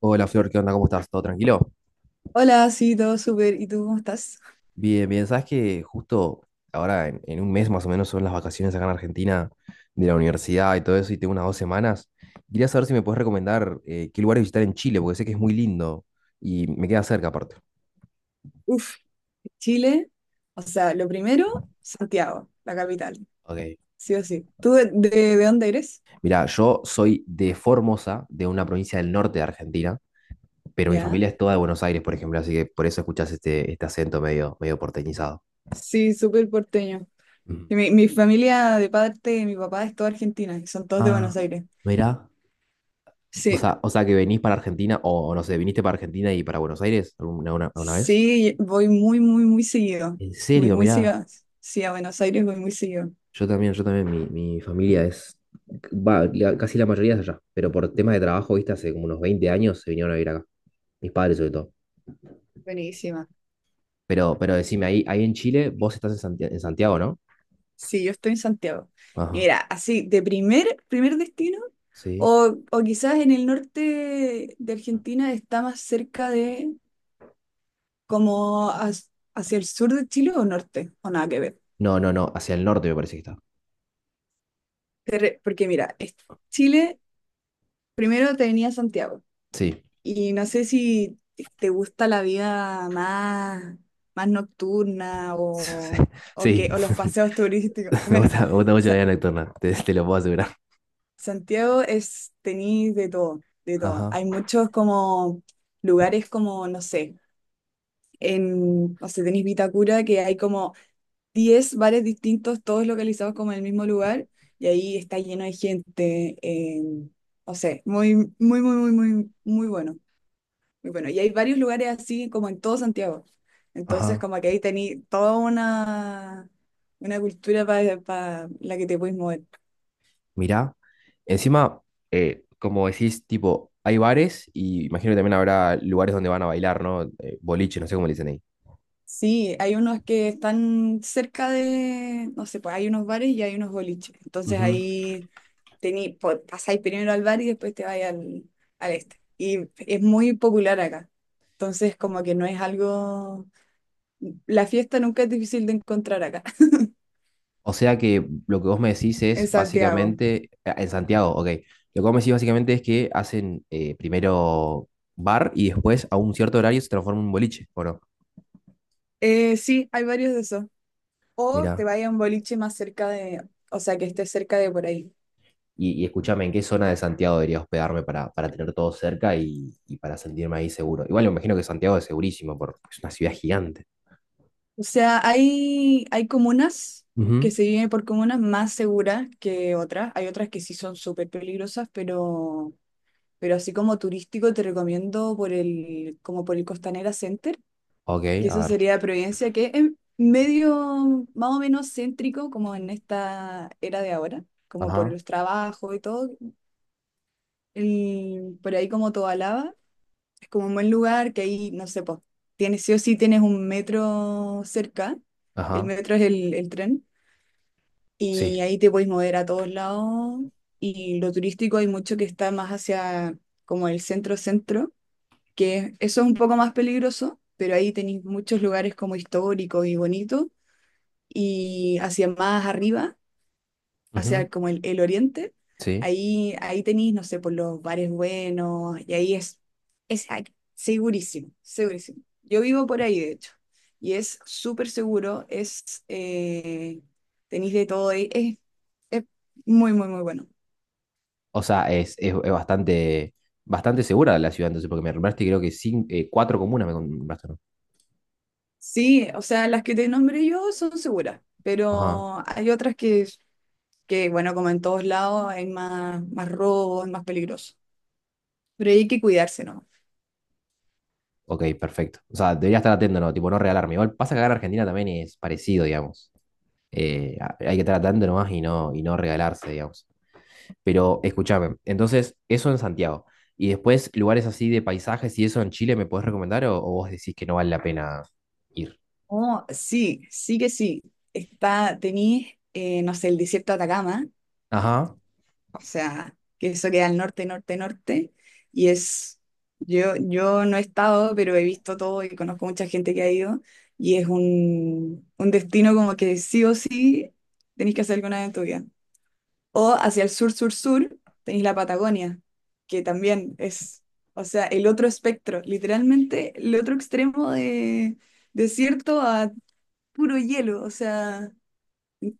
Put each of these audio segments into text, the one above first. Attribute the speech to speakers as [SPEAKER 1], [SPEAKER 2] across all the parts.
[SPEAKER 1] Hola Flor, ¿qué onda? ¿Cómo estás? ¿Todo tranquilo?
[SPEAKER 2] Hola, sí, todo súper. ¿Y tú cómo estás?
[SPEAKER 1] Bien, bien. Sabes que justo ahora en un mes más o menos son las vacaciones acá en Argentina de la universidad y todo eso, y tengo unas 2 semanas. Quería saber si me puedes recomendar qué lugares visitar en Chile, porque sé que es muy lindo y me queda cerca aparte.
[SPEAKER 2] Uf, Chile. O sea, lo primero, Santiago, la capital.
[SPEAKER 1] Ok.
[SPEAKER 2] Sí o sí. ¿Tú de dónde eres?
[SPEAKER 1] Mira, yo soy de Formosa, de una provincia del norte de Argentina, pero mi
[SPEAKER 2] Ya.
[SPEAKER 1] familia es toda de Buenos Aires, por ejemplo, así que por eso escuchas este acento medio porteñizado.
[SPEAKER 2] Sí, súper porteño.
[SPEAKER 1] Ujú.
[SPEAKER 2] Y mi familia de parte de mi papá es toda argentina y son todos de
[SPEAKER 1] Ah,
[SPEAKER 2] Buenos Aires.
[SPEAKER 1] mira. O
[SPEAKER 2] Sí,
[SPEAKER 1] sea, o sea que venís para Argentina, o no sé, viniste para Argentina y para Buenos Aires alguna una vez.
[SPEAKER 2] sí, voy muy, muy, muy seguido.
[SPEAKER 1] En
[SPEAKER 2] Voy
[SPEAKER 1] serio,
[SPEAKER 2] muy
[SPEAKER 1] mirá,
[SPEAKER 2] seguido. Sí, a Buenos Aires voy muy seguido.
[SPEAKER 1] yo también, mi familia es, va, casi la mayoría es allá, pero por temas de trabajo, viste, hace como unos 20 años se vinieron a vivir acá, mis padres sobre todo.
[SPEAKER 2] Buenísima.
[SPEAKER 1] Pero decime, ahí en Chile, vos estás en Santiago, ¿no?
[SPEAKER 2] Sí, yo estoy en Santiago. Y
[SPEAKER 1] Ajá,
[SPEAKER 2] mira, así, de primer destino,
[SPEAKER 1] sí.
[SPEAKER 2] o quizás en el norte de Argentina está más cerca de como hacia el sur de Chile o norte, o nada que ver.
[SPEAKER 1] No, no, no, hacia el norte me parece que está.
[SPEAKER 2] Porque mira, Chile primero te venía Santiago.
[SPEAKER 1] Sí,
[SPEAKER 2] Y no sé si te gusta la vida más nocturna o, o, que,
[SPEAKER 1] sí, sí.
[SPEAKER 2] o los paseos turísticos. Bueno,
[SPEAKER 1] Me gusta mucho la vida nocturna, te lo puedo asegurar.
[SPEAKER 2] Santiago es, tenéis de todo, de todo.
[SPEAKER 1] Ajá,
[SPEAKER 2] Hay muchos como lugares como, no sé, en, no sé, tenéis Vitacura, que hay como 10 bares distintos, todos localizados como en el mismo lugar, y ahí está lleno de gente. No sé, muy, muy, muy, muy, muy, muy bueno, muy bueno. Y hay varios lugares así como en todo Santiago. Entonces,
[SPEAKER 1] ajá.
[SPEAKER 2] como que ahí tenéis toda una cultura para la que te puedes mover.
[SPEAKER 1] Mirá, encima, como decís, tipo, hay bares y imagino que también habrá lugares donde van a bailar, ¿no? Boliches, no sé cómo le dicen ahí.
[SPEAKER 2] Sí, hay unos que están cerca de, no sé, pues hay unos bares y hay unos boliches. Entonces
[SPEAKER 1] Ujú.
[SPEAKER 2] ahí pasáis primero al bar y después te vais al este. Y es muy popular acá. Entonces como que no es algo. La fiesta nunca es difícil de encontrar acá,
[SPEAKER 1] O sea que lo que vos me decís
[SPEAKER 2] en
[SPEAKER 1] es
[SPEAKER 2] Santiago.
[SPEAKER 1] básicamente, ah, en Santiago, ok, lo que vos me decís básicamente es que hacen primero bar y después a un cierto horario se transforma en un boliche, ¿o no?
[SPEAKER 2] Sí, hay varios de esos. O te
[SPEAKER 1] Mirá,
[SPEAKER 2] vayas a un boliche más cerca de, o sea, que esté cerca de por ahí.
[SPEAKER 1] y escúchame, ¿en qué zona de Santiago debería hospedarme para tener todo cerca y para sentirme ahí seguro? Igual me imagino que Santiago es segurísimo, porque es una ciudad gigante.
[SPEAKER 2] O sea, hay comunas que
[SPEAKER 1] Ujú.
[SPEAKER 2] se viven por comunas más seguras que otras. Hay otras que sí son súper peligrosas, pero, así como turístico te recomiendo por el, como por el Costanera Center,
[SPEAKER 1] Ok,
[SPEAKER 2] que
[SPEAKER 1] a
[SPEAKER 2] eso
[SPEAKER 1] ver.
[SPEAKER 2] sería Providencia, que es medio más o menos céntrico como en esta era de ahora, como por
[SPEAKER 1] Ajá,
[SPEAKER 2] los trabajos y todo. Por ahí como Tobalaba, es como un buen lugar que ahí, no sé, pues, tienes sí o sí tienes un metro cerca. El
[SPEAKER 1] ajá,
[SPEAKER 2] metro es el tren. Y
[SPEAKER 1] sí,
[SPEAKER 2] ahí te puedes mover a todos lados. Y lo turístico hay mucho que está más hacia como el centro-centro, que eso es un poco más peligroso, pero ahí tenéis muchos lugares como históricos y bonitos. Y hacia más arriba,
[SPEAKER 1] ujú,
[SPEAKER 2] hacia como el oriente,
[SPEAKER 1] sí.
[SPEAKER 2] ahí tenéis, no sé, por los bares buenos, y ahí es segurísimo, segurísimo. Yo vivo por ahí, de hecho, y es súper seguro, tenéis de todo, ahí. Es muy, muy, muy bueno.
[SPEAKER 1] O sea, es bastante, bastante segura la ciudad, entonces, porque me nombraste creo que cinco, cuatro comunas me nombraste, ¿no?
[SPEAKER 2] Sí, o sea, las que te nombré yo son seguras,
[SPEAKER 1] Ajá,
[SPEAKER 2] pero hay otras que bueno, como en todos lados, hay más robo, es más peligroso. Pero hay que cuidarse, ¿no?
[SPEAKER 1] ok, perfecto. O sea, debería estar atento, ¿no? Tipo, no regalarme. Igual pasa que acá en Argentina también es parecido, digamos. Hay que estar atento nomás y no regalarse, digamos. Pero escúchame, entonces, eso en Santiago. Y después, lugares así de paisajes y eso en Chile, ¿me podés recomendar o vos decís que no vale la pena ir?
[SPEAKER 2] Oh, sí, sí que sí. Tenís, no sé, el desierto de Atacama.
[SPEAKER 1] Ajá,
[SPEAKER 2] O sea, que eso queda al norte, norte, norte. Y es, yo no he estado, pero he visto todo y conozco mucha gente que ha ido. Y es un destino como que sí o sí tenéis que hacer alguna vez en tu vida. O hacia el sur, sur, sur, tenéis la Patagonia, que también es, o sea, el otro espectro, literalmente el otro extremo de desierto a puro hielo. O sea,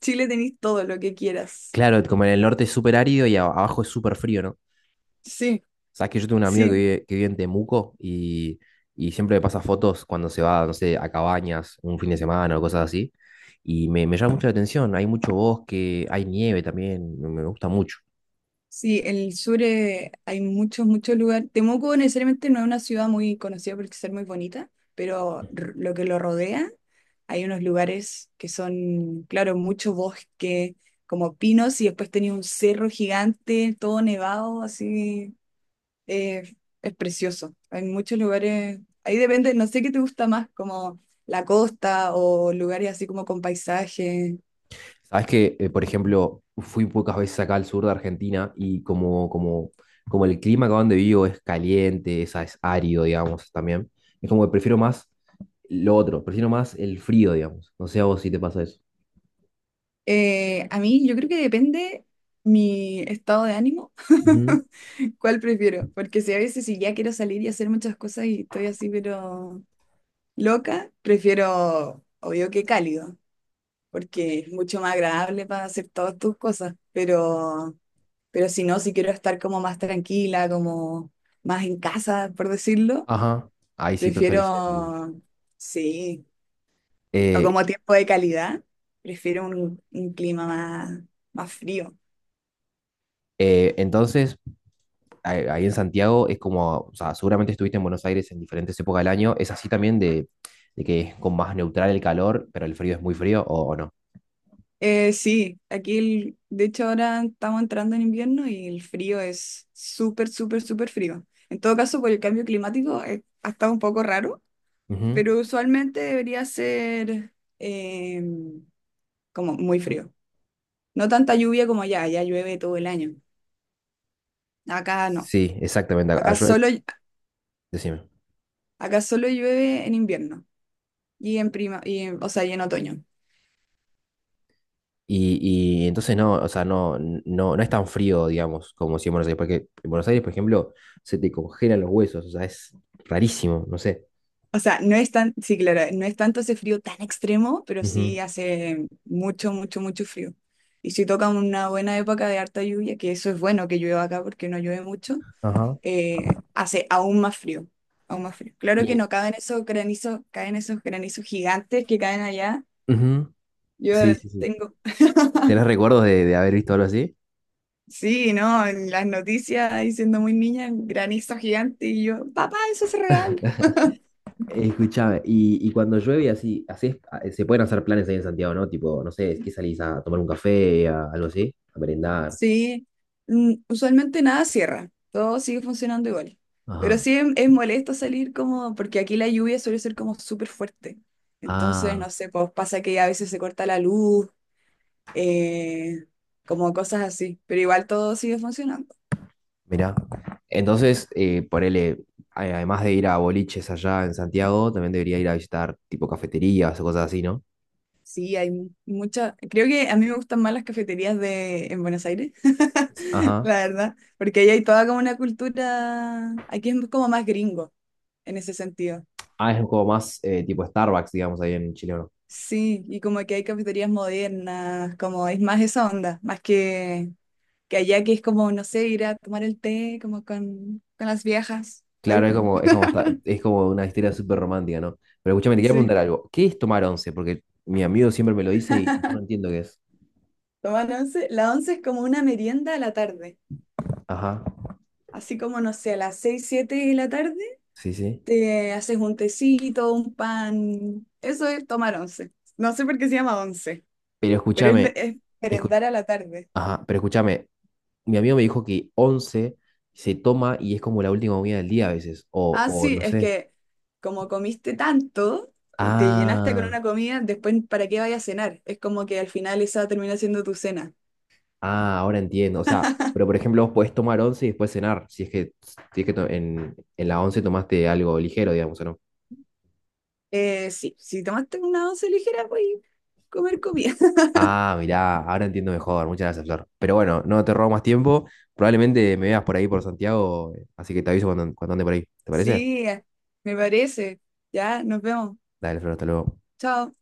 [SPEAKER 2] Chile tenéis todo lo que quieras.
[SPEAKER 1] claro, como en el norte es súper árido y abajo es súper frío, ¿no?
[SPEAKER 2] Sí,
[SPEAKER 1] Sabes que yo tengo un amigo
[SPEAKER 2] sí.
[SPEAKER 1] que vive en Temuco y siempre me pasa fotos cuando se va, no sé, a cabañas un fin de semana o cosas así. Y me llama mucho la atención. Hay mucho bosque, hay nieve también, me gusta mucho.
[SPEAKER 2] Sí, el sur, hay muchos, muchos lugares. Temuco necesariamente no es una ciudad muy conocida por ser muy bonita, pero lo que lo rodea, hay unos lugares que son, claro, mucho bosque, como pinos, y después tenía un cerro gigante, todo nevado, así, eh, es precioso. Hay muchos lugares, ahí depende, no sé qué te gusta más, como la costa o lugares así como con paisajes.
[SPEAKER 1] Sabes que, por ejemplo, fui pocas veces acá al sur de Argentina y como el clima acá donde vivo es caliente, es árido, digamos, también. Es como que prefiero más lo otro, prefiero más el frío, digamos. No sé a vos si te pasa eso.
[SPEAKER 2] A mí yo creo que depende mi estado de ánimo, cuál prefiero, porque si a veces si ya quiero salir y hacer muchas cosas y estoy así pero loca, prefiero obvio que cálido, porque es mucho más agradable para hacer todas tus cosas, pero, si no, si quiero estar como más tranquila, como más en casa, por decirlo,
[SPEAKER 1] Ajá, ahí sí preferís el...
[SPEAKER 2] prefiero, sí, o
[SPEAKER 1] eh,
[SPEAKER 2] como tiempo de calidad, prefiero un clima más frío.
[SPEAKER 1] entonces, ahí en Santiago es como, o sea, seguramente estuviste en Buenos Aires en diferentes épocas del año, ¿es así también de que es con más neutral el calor, pero el frío es muy frío o no?
[SPEAKER 2] Sí, aquí de hecho ahora estamos entrando en invierno y el frío es súper, súper, súper frío. En todo caso, por el cambio climático, ha estado un poco raro,
[SPEAKER 1] Ujú.
[SPEAKER 2] pero usualmente debería ser eh, como muy frío. No tanta lluvia como allá, allá llueve todo el año. Acá no,
[SPEAKER 1] Sí, exactamente, ah,
[SPEAKER 2] acá
[SPEAKER 1] yo-
[SPEAKER 2] solo,
[SPEAKER 1] decime.
[SPEAKER 2] acá solo llueve en invierno y en prima, o sea, y en otoño.
[SPEAKER 1] Y entonces no, o sea, no, no, no es tan frío, digamos, como si en Buenos Aires, porque en Buenos Aires, por ejemplo, se te congelan los huesos, o sea, es rarísimo, no sé.
[SPEAKER 2] O sea, no es tan, sí, claro, no es tanto ese frío tan extremo, pero sí
[SPEAKER 1] Ujú.
[SPEAKER 2] hace mucho, mucho, mucho frío. Y si toca una buena época de harta lluvia, que eso es bueno que llueva acá porque no llueve mucho,
[SPEAKER 1] Ajá.
[SPEAKER 2] hace aún más frío, aún más frío. Claro que
[SPEAKER 1] Y,
[SPEAKER 2] no caben esos granizos, caen esos granizos gigantes que caen allá.
[SPEAKER 1] ujú. Sí,
[SPEAKER 2] Yo
[SPEAKER 1] sí, sí.
[SPEAKER 2] tengo,
[SPEAKER 1] ¿Tenés recuerdos de haber visto algo así?
[SPEAKER 2] sí, ¿no? En las noticias, diciendo muy niña, granizo gigante, y yo, papá, eso es real.
[SPEAKER 1] Escuchame, y cuando llueve y así, así se pueden hacer planes ahí en Santiago, ¿no? Tipo, no sé, ¿qué salís a tomar un café, algo así? A merendar.
[SPEAKER 2] Sí, usualmente nada cierra, todo sigue funcionando igual. Pero
[SPEAKER 1] Ajá.
[SPEAKER 2] sí es molesto salir como, porque aquí la lluvia suele ser como súper fuerte. Entonces,
[SPEAKER 1] Ah,
[SPEAKER 2] no sé, pues pasa que a veces se corta la luz, eh, como cosas así, pero igual todo sigue funcionando.
[SPEAKER 1] mirá. Entonces, ponele, además de ir a boliches allá en Santiago, también debería ir a visitar tipo cafeterías o cosas así, ¿no?
[SPEAKER 2] Sí, hay mucha, creo que a mí me gustan más las cafeterías de, en Buenos Aires,
[SPEAKER 1] Ajá.
[SPEAKER 2] la verdad, porque ahí hay toda como una cultura, aquí es como más gringo en ese sentido.
[SPEAKER 1] Ah, es como más tipo Starbucks, digamos, ahí en Chile.
[SPEAKER 2] Sí, y como que hay cafeterías modernas, como es más esa onda, más que allá que es como, no sé, ir a tomar el té como con, las viejas. Ay,
[SPEAKER 1] Es como, es como una historia súper romántica, ¿no? Pero escúchame, te quiero
[SPEAKER 2] sí,
[SPEAKER 1] preguntar algo. ¿Qué es tomar once? Porque mi amigo siempre me lo dice y yo no entiendo qué es.
[SPEAKER 2] tomar once. La once es como una merienda a la tarde.
[SPEAKER 1] Ajá,
[SPEAKER 2] Así como, no sé, a las 6, 7 de la tarde
[SPEAKER 1] sí, sí.
[SPEAKER 2] te haces un tecito, un pan. Eso es tomar once. No sé por qué se llama once,
[SPEAKER 1] Pero
[SPEAKER 2] pero es, me-
[SPEAKER 1] escúchame,
[SPEAKER 2] es
[SPEAKER 1] escu-
[SPEAKER 2] merendar a la tarde.
[SPEAKER 1] ajá, pero escúchame, mi amigo me dijo que once se toma y es como la última comida del día a veces,
[SPEAKER 2] Ah,
[SPEAKER 1] o
[SPEAKER 2] sí,
[SPEAKER 1] no
[SPEAKER 2] es
[SPEAKER 1] sé.
[SPEAKER 2] que como comiste tanto, te llenaste con
[SPEAKER 1] Ah,
[SPEAKER 2] una comida, después ¿para qué vayas a cenar? Es como que al final esa termina siendo tu cena.
[SPEAKER 1] ah, ahora entiendo. O sea, pero por ejemplo, vos podés tomar once y después cenar, si es que, si es que en la once tomaste algo ligero, digamos, ¿o no?
[SPEAKER 2] Sí, si tomaste una once ligera, voy a comer comida.
[SPEAKER 1] Ah, mirá, ahora entiendo mejor. Muchas gracias, Flor. Pero bueno, no te robo más tiempo. Probablemente me veas por ahí por Santiago, así que te aviso cuando, cuando ande por ahí. ¿Te parece?
[SPEAKER 2] Sí, me parece. Ya, nos vemos.
[SPEAKER 1] Dale, Flor, hasta luego.
[SPEAKER 2] Chao.